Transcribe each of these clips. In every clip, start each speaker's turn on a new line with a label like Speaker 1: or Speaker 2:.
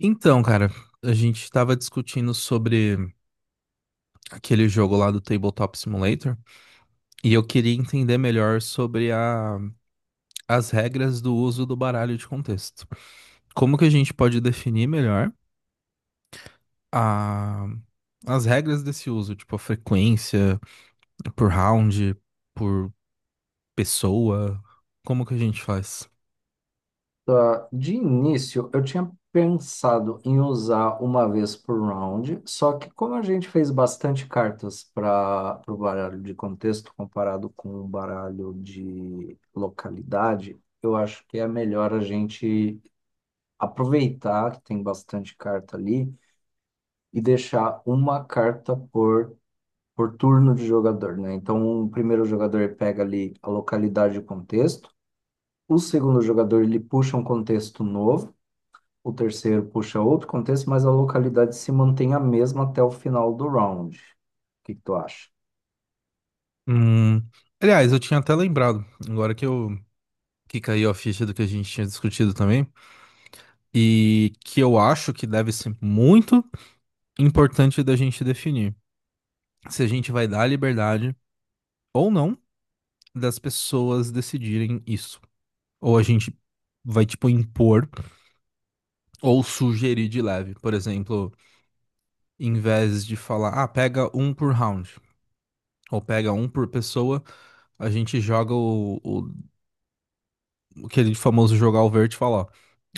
Speaker 1: Então, cara, a gente tava discutindo sobre aquele jogo lá do Tabletop Simulator e eu queria entender melhor sobre as regras do uso do baralho de contexto. Como que a gente pode definir melhor a- as regras desse uso, tipo a frequência, por round, por pessoa, como que a gente faz?
Speaker 2: Tá, de início, eu tinha pensado em usar uma vez por round, só que como a gente fez bastante cartas para o baralho de contexto comparado com o baralho de localidade, eu acho que é melhor a gente aproveitar que tem bastante carta ali e deixar uma carta por turno de jogador, né? Então, o primeiro jogador ele pega ali a localidade e o contexto, o segundo jogador ele puxa um contexto novo. O terceiro puxa outro contexto, mas a localidade se mantém a mesma até o final do round. O que que tu acha?
Speaker 1: Hum, Aliás, eu tinha até lembrado, agora que eu que caiu a ficha do que a gente tinha discutido também. E que eu acho que deve ser muito importante da gente definir se a gente vai dar a liberdade ou não das pessoas decidirem isso. Ou a gente vai, tipo, impor ou sugerir de leve. Por exemplo, em vez de falar, ah, pega um por round. Ou pega um por pessoa, a gente joga o aquele famoso jogar o verde e falar, ó,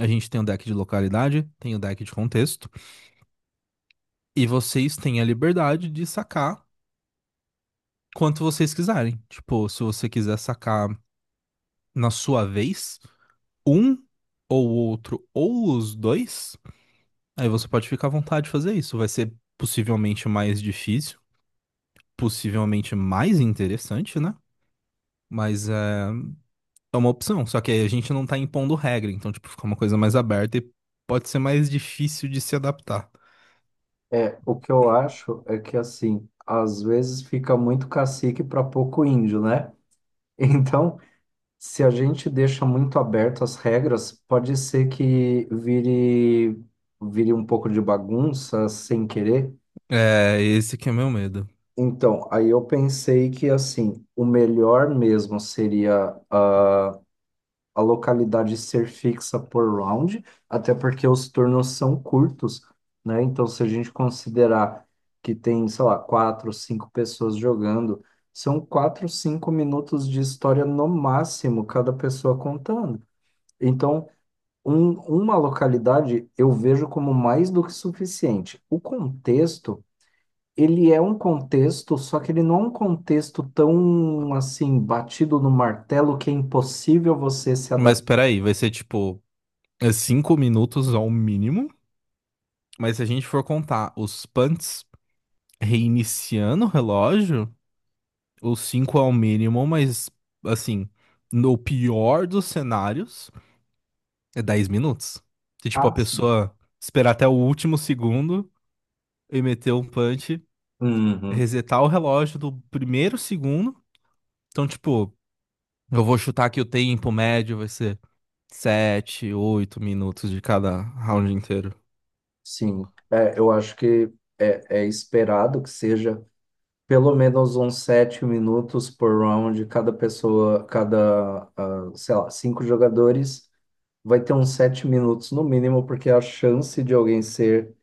Speaker 1: a gente tem o deck de localidade, tem o deck de contexto, e vocês têm a liberdade de sacar quanto vocês quiserem. Tipo, se você quiser sacar na sua vez, um ou outro, ou os dois, aí você pode ficar à vontade de fazer isso. Vai ser possivelmente mais difícil, possivelmente mais interessante, né? Mas é uma opção. Só que aí a gente não tá impondo regra, então, tipo, fica uma coisa mais aberta e pode ser mais difícil de se adaptar.
Speaker 2: É, o que eu acho é que, assim, às vezes fica muito cacique para pouco índio, né? Então, se a gente deixa muito aberto as regras, pode ser que vire um pouco de bagunça sem querer.
Speaker 1: É, esse que é meu medo.
Speaker 2: Então, aí eu pensei que, assim, o melhor mesmo seria a localidade ser fixa por round, até porque os turnos são curtos, né? Então, se a gente considerar que tem, sei lá, quatro, cinco pessoas jogando, são quatro, cinco minutos de história no máximo, cada pessoa contando. Então, uma localidade eu vejo como mais do que suficiente. O contexto. Ele é um contexto, só que ele não é um contexto tão assim batido no martelo que é impossível você se
Speaker 1: Mas
Speaker 2: adaptar
Speaker 1: peraí, vai ser tipo é 5 minutos ao mínimo. Mas se a gente for contar os punts reiniciando o relógio, o 5 é o mínimo, mas assim, no pior dos cenários, é 10 minutos. Se tipo a
Speaker 2: assim.
Speaker 1: pessoa esperar até o último segundo e meter um punch,
Speaker 2: Uhum.
Speaker 1: resetar o relógio do primeiro segundo. Então, tipo, eu vou chutar que o tempo médio vai ser 7, 8 minutos de cada round inteiro.
Speaker 2: Sim, é, eu acho que é esperado que seja pelo menos uns sete minutos por round, cada pessoa, sei lá, cinco jogadores vai ter uns sete minutos no mínimo, porque a chance de alguém ser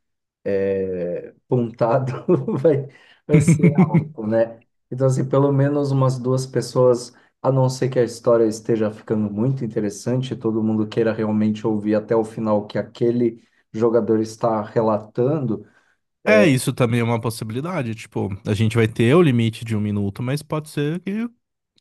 Speaker 2: pontado vai, vai ser alto, né? Então, assim, pelo menos umas duas pessoas, a não ser que a história esteja ficando muito interessante, e todo mundo queira realmente ouvir até o final o que aquele jogador está relatando.
Speaker 1: É, isso também é uma possibilidade. Tipo, a gente vai ter o limite de 1 minuto, mas pode ser que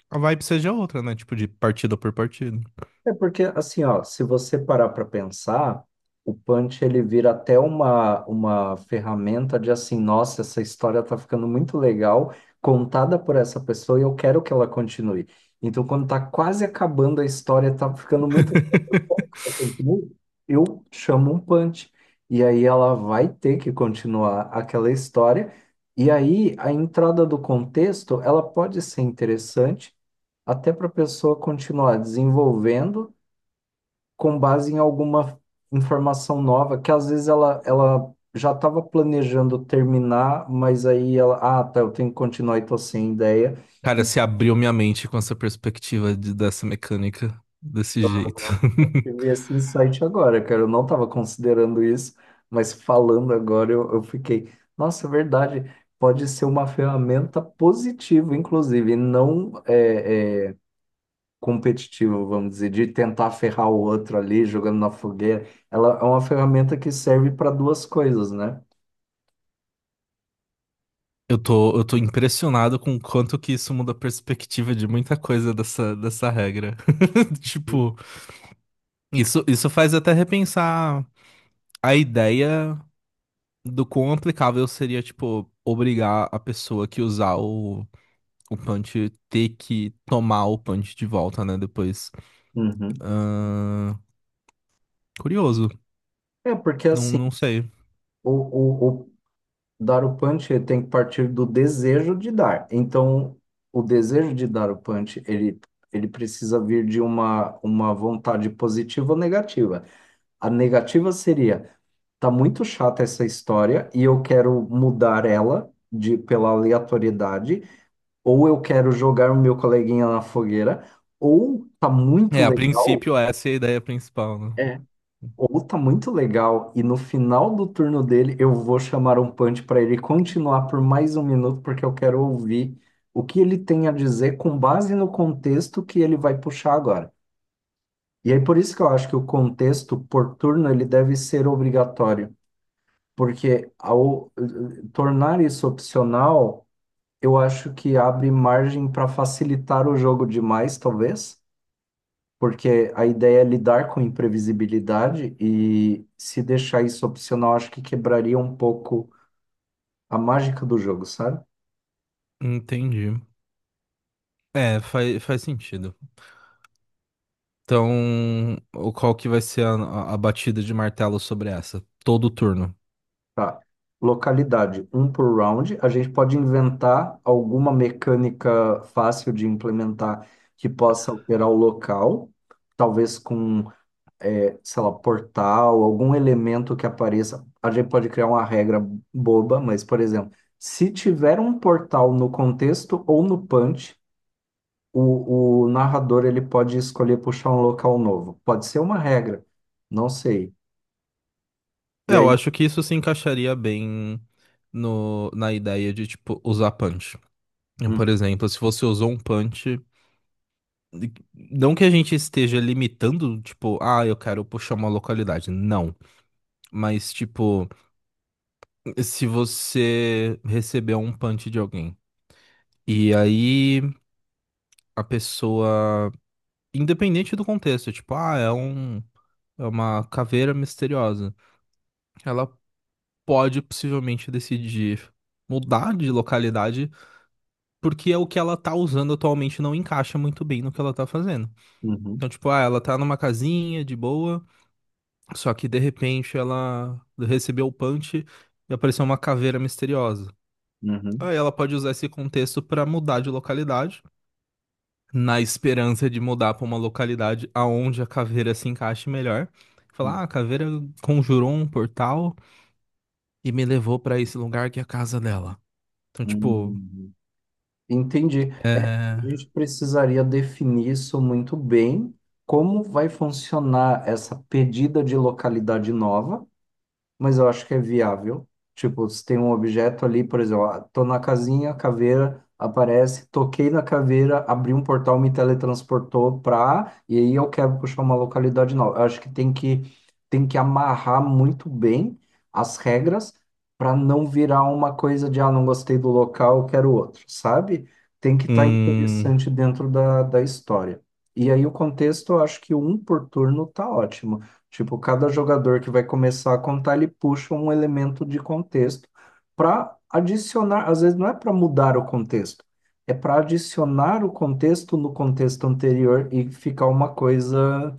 Speaker 1: a vibe seja outra, né? Tipo, de partida por partida.
Speaker 2: É porque, assim, ó, se você parar para pensar, o Punch ele vira até uma ferramenta de assim, nossa, essa história tá ficando muito legal, contada por essa pessoa e eu quero que ela continue. Então, quando tá quase acabando a história, tá ficando muito legal, eu quero que ela continue, eu chamo um Punch. E aí ela vai ter que continuar aquela história. E aí a entrada do contexto, ela pode ser interessante até para a pessoa continuar desenvolvendo com base em alguma informação nova, que às vezes ela já estava planejando terminar, mas aí ela, tá, eu tenho que continuar e tô sem ideia.
Speaker 1: Cara,
Speaker 2: E
Speaker 1: se abriu minha mente com essa perspectiva dessa mecânica desse jeito.
Speaker 2: tive esse insight agora, cara, eu não estava considerando isso, mas falando agora eu fiquei, nossa, é verdade, pode ser uma ferramenta positiva, inclusive, e não é, competitiva, vamos dizer, de tentar ferrar o outro ali, jogando na fogueira. Ela é uma ferramenta que serve para duas coisas, né?
Speaker 1: Eu tô impressionado com o quanto que isso muda a perspectiva de muita coisa dessa regra. Tipo, isso faz até repensar a ideia do quão aplicável seria, tipo, obrigar a pessoa que usar o punch ter que tomar o punch de volta, né, depois.
Speaker 2: Uhum.
Speaker 1: Ahn, Curioso,
Speaker 2: É porque
Speaker 1: não,
Speaker 2: assim,
Speaker 1: não sei.
Speaker 2: o dar o punch ele tem que partir do desejo de dar. Então, o desejo de dar o punch, ele precisa vir de uma vontade positiva ou negativa. A negativa seria, tá muito chata essa história e eu quero mudar ela de pela aleatoriedade, ou eu quero jogar o meu coleguinha na fogueira, ou tá muito
Speaker 1: É, a
Speaker 2: legal.
Speaker 1: princípio essa é a ideia principal, né?
Speaker 2: Ou tá muito legal, e no final do turno dele eu vou chamar um punch para ele continuar por mais um minuto, porque eu quero ouvir o que ele tem a dizer com base no contexto que ele vai puxar agora. E aí por isso que eu acho que o contexto por turno ele deve ser obrigatório, porque ao tornar isso opcional, eu acho que abre margem para facilitar o jogo demais, talvez porque a ideia é lidar com imprevisibilidade e se deixar isso opcional, acho que quebraria um pouco a mágica do jogo, sabe?
Speaker 1: Entendi. É, faz, faz sentido. Então, qual que vai ser a batida de martelo sobre essa? Todo turno.
Speaker 2: Tá. Localidade, um por round. A gente pode inventar alguma mecânica fácil de implementar que possa alterar o local, talvez com, eh, sei lá, portal, algum elemento que apareça. A gente pode criar uma regra boba, mas, por exemplo, se tiver um portal no contexto ou no punch, o narrador ele pode escolher puxar um local novo. Pode ser uma regra, não sei.
Speaker 1: É,
Speaker 2: E
Speaker 1: eu
Speaker 2: aí?
Speaker 1: acho que isso se encaixaria bem no, na ideia de, tipo, usar punch.
Speaker 2: Hum.
Speaker 1: Por exemplo, se você usou um punch, não que a gente esteja limitando, tipo, ah, eu quero puxar uma localidade. Não. Mas, tipo, se você recebeu um punch de alguém e aí a pessoa, independente do contexto, tipo, ah, é um. É uma caveira misteriosa. Ela pode possivelmente decidir mudar de localidade, porque é o que ela tá usando atualmente não encaixa muito bem no que ela tá fazendo.
Speaker 2: Uhum.
Speaker 1: Então, tipo, ah, ela tá numa casinha de boa, só que de repente ela recebeu o punch e apareceu uma caveira misteriosa.
Speaker 2: Uhum.
Speaker 1: Aí ela pode usar esse contexto pra mudar de localidade, na esperança de mudar pra uma localidade aonde a caveira se encaixe melhor. Falar,
Speaker 2: Uhum.
Speaker 1: ah, a caveira conjurou um portal e me levou pra esse lugar que é a casa dela. Então, tipo,
Speaker 2: Uhum. Entendi. É,
Speaker 1: É,
Speaker 2: a gente precisaria definir isso muito bem, como vai funcionar essa pedida de localidade nova, mas eu acho que é viável. Tipo, se tem um objeto ali, por exemplo, ah, tô na casinha, caveira aparece, toquei na caveira, abri um portal, me teletransportou pra, e aí eu quero puxar uma localidade nova. Eu acho que tem que amarrar muito bem as regras para não virar uma coisa de ah, não gostei do local, eu quero outro, sabe? Tem que estar
Speaker 1: hum,
Speaker 2: interessante dentro da história. E aí o contexto, eu acho que um por turno tá ótimo. Tipo, cada jogador que vai começar a contar, ele puxa um elemento de contexto para adicionar, às vezes não é para mudar o contexto, é para adicionar o contexto no contexto anterior e ficar uma coisa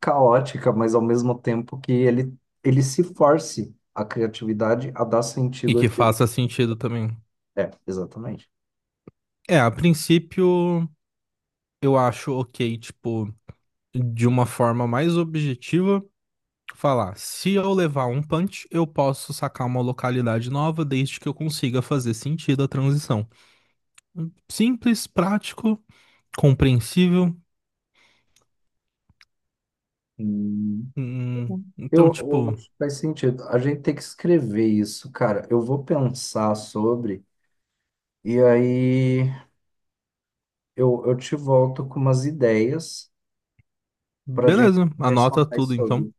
Speaker 2: caótica, mas ao mesmo tempo que ele se force a criatividade a dar
Speaker 1: e
Speaker 2: sentido
Speaker 1: que
Speaker 2: àquilo.
Speaker 1: faça sentido também.
Speaker 2: É, exatamente.
Speaker 1: É, a princípio, eu acho ok, tipo, de uma forma mais objetiva, falar: se eu levar um punch, eu posso sacar uma localidade nova, desde que eu consiga fazer sentido a transição. Simples, prático, compreensível.
Speaker 2: Hum, eu,
Speaker 1: Então,
Speaker 2: eu
Speaker 1: tipo,
Speaker 2: acho que faz sentido. A gente tem que escrever isso, cara. Eu vou pensar sobre, e aí eu te volto com umas ideias para a gente
Speaker 1: beleza,
Speaker 2: conversar
Speaker 1: anota
Speaker 2: mais
Speaker 1: tudo então.
Speaker 2: sobre,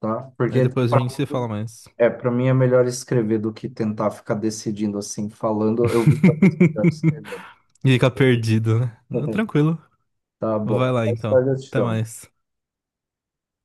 Speaker 2: tá?
Speaker 1: Aí
Speaker 2: Porque
Speaker 1: depois a
Speaker 2: para
Speaker 1: gente se
Speaker 2: mim,
Speaker 1: fala mais.
Speaker 2: para mim é melhor escrever do que tentar ficar decidindo assim, falando. Eu vou fazer melhor escrevendo.
Speaker 1: Fica perdido, né? Tranquilo.
Speaker 2: Tá
Speaker 1: Vai
Speaker 2: bom.
Speaker 1: lá
Speaker 2: Mais
Speaker 1: então.
Speaker 2: tarde eu te
Speaker 1: Até
Speaker 2: chamo.
Speaker 1: mais.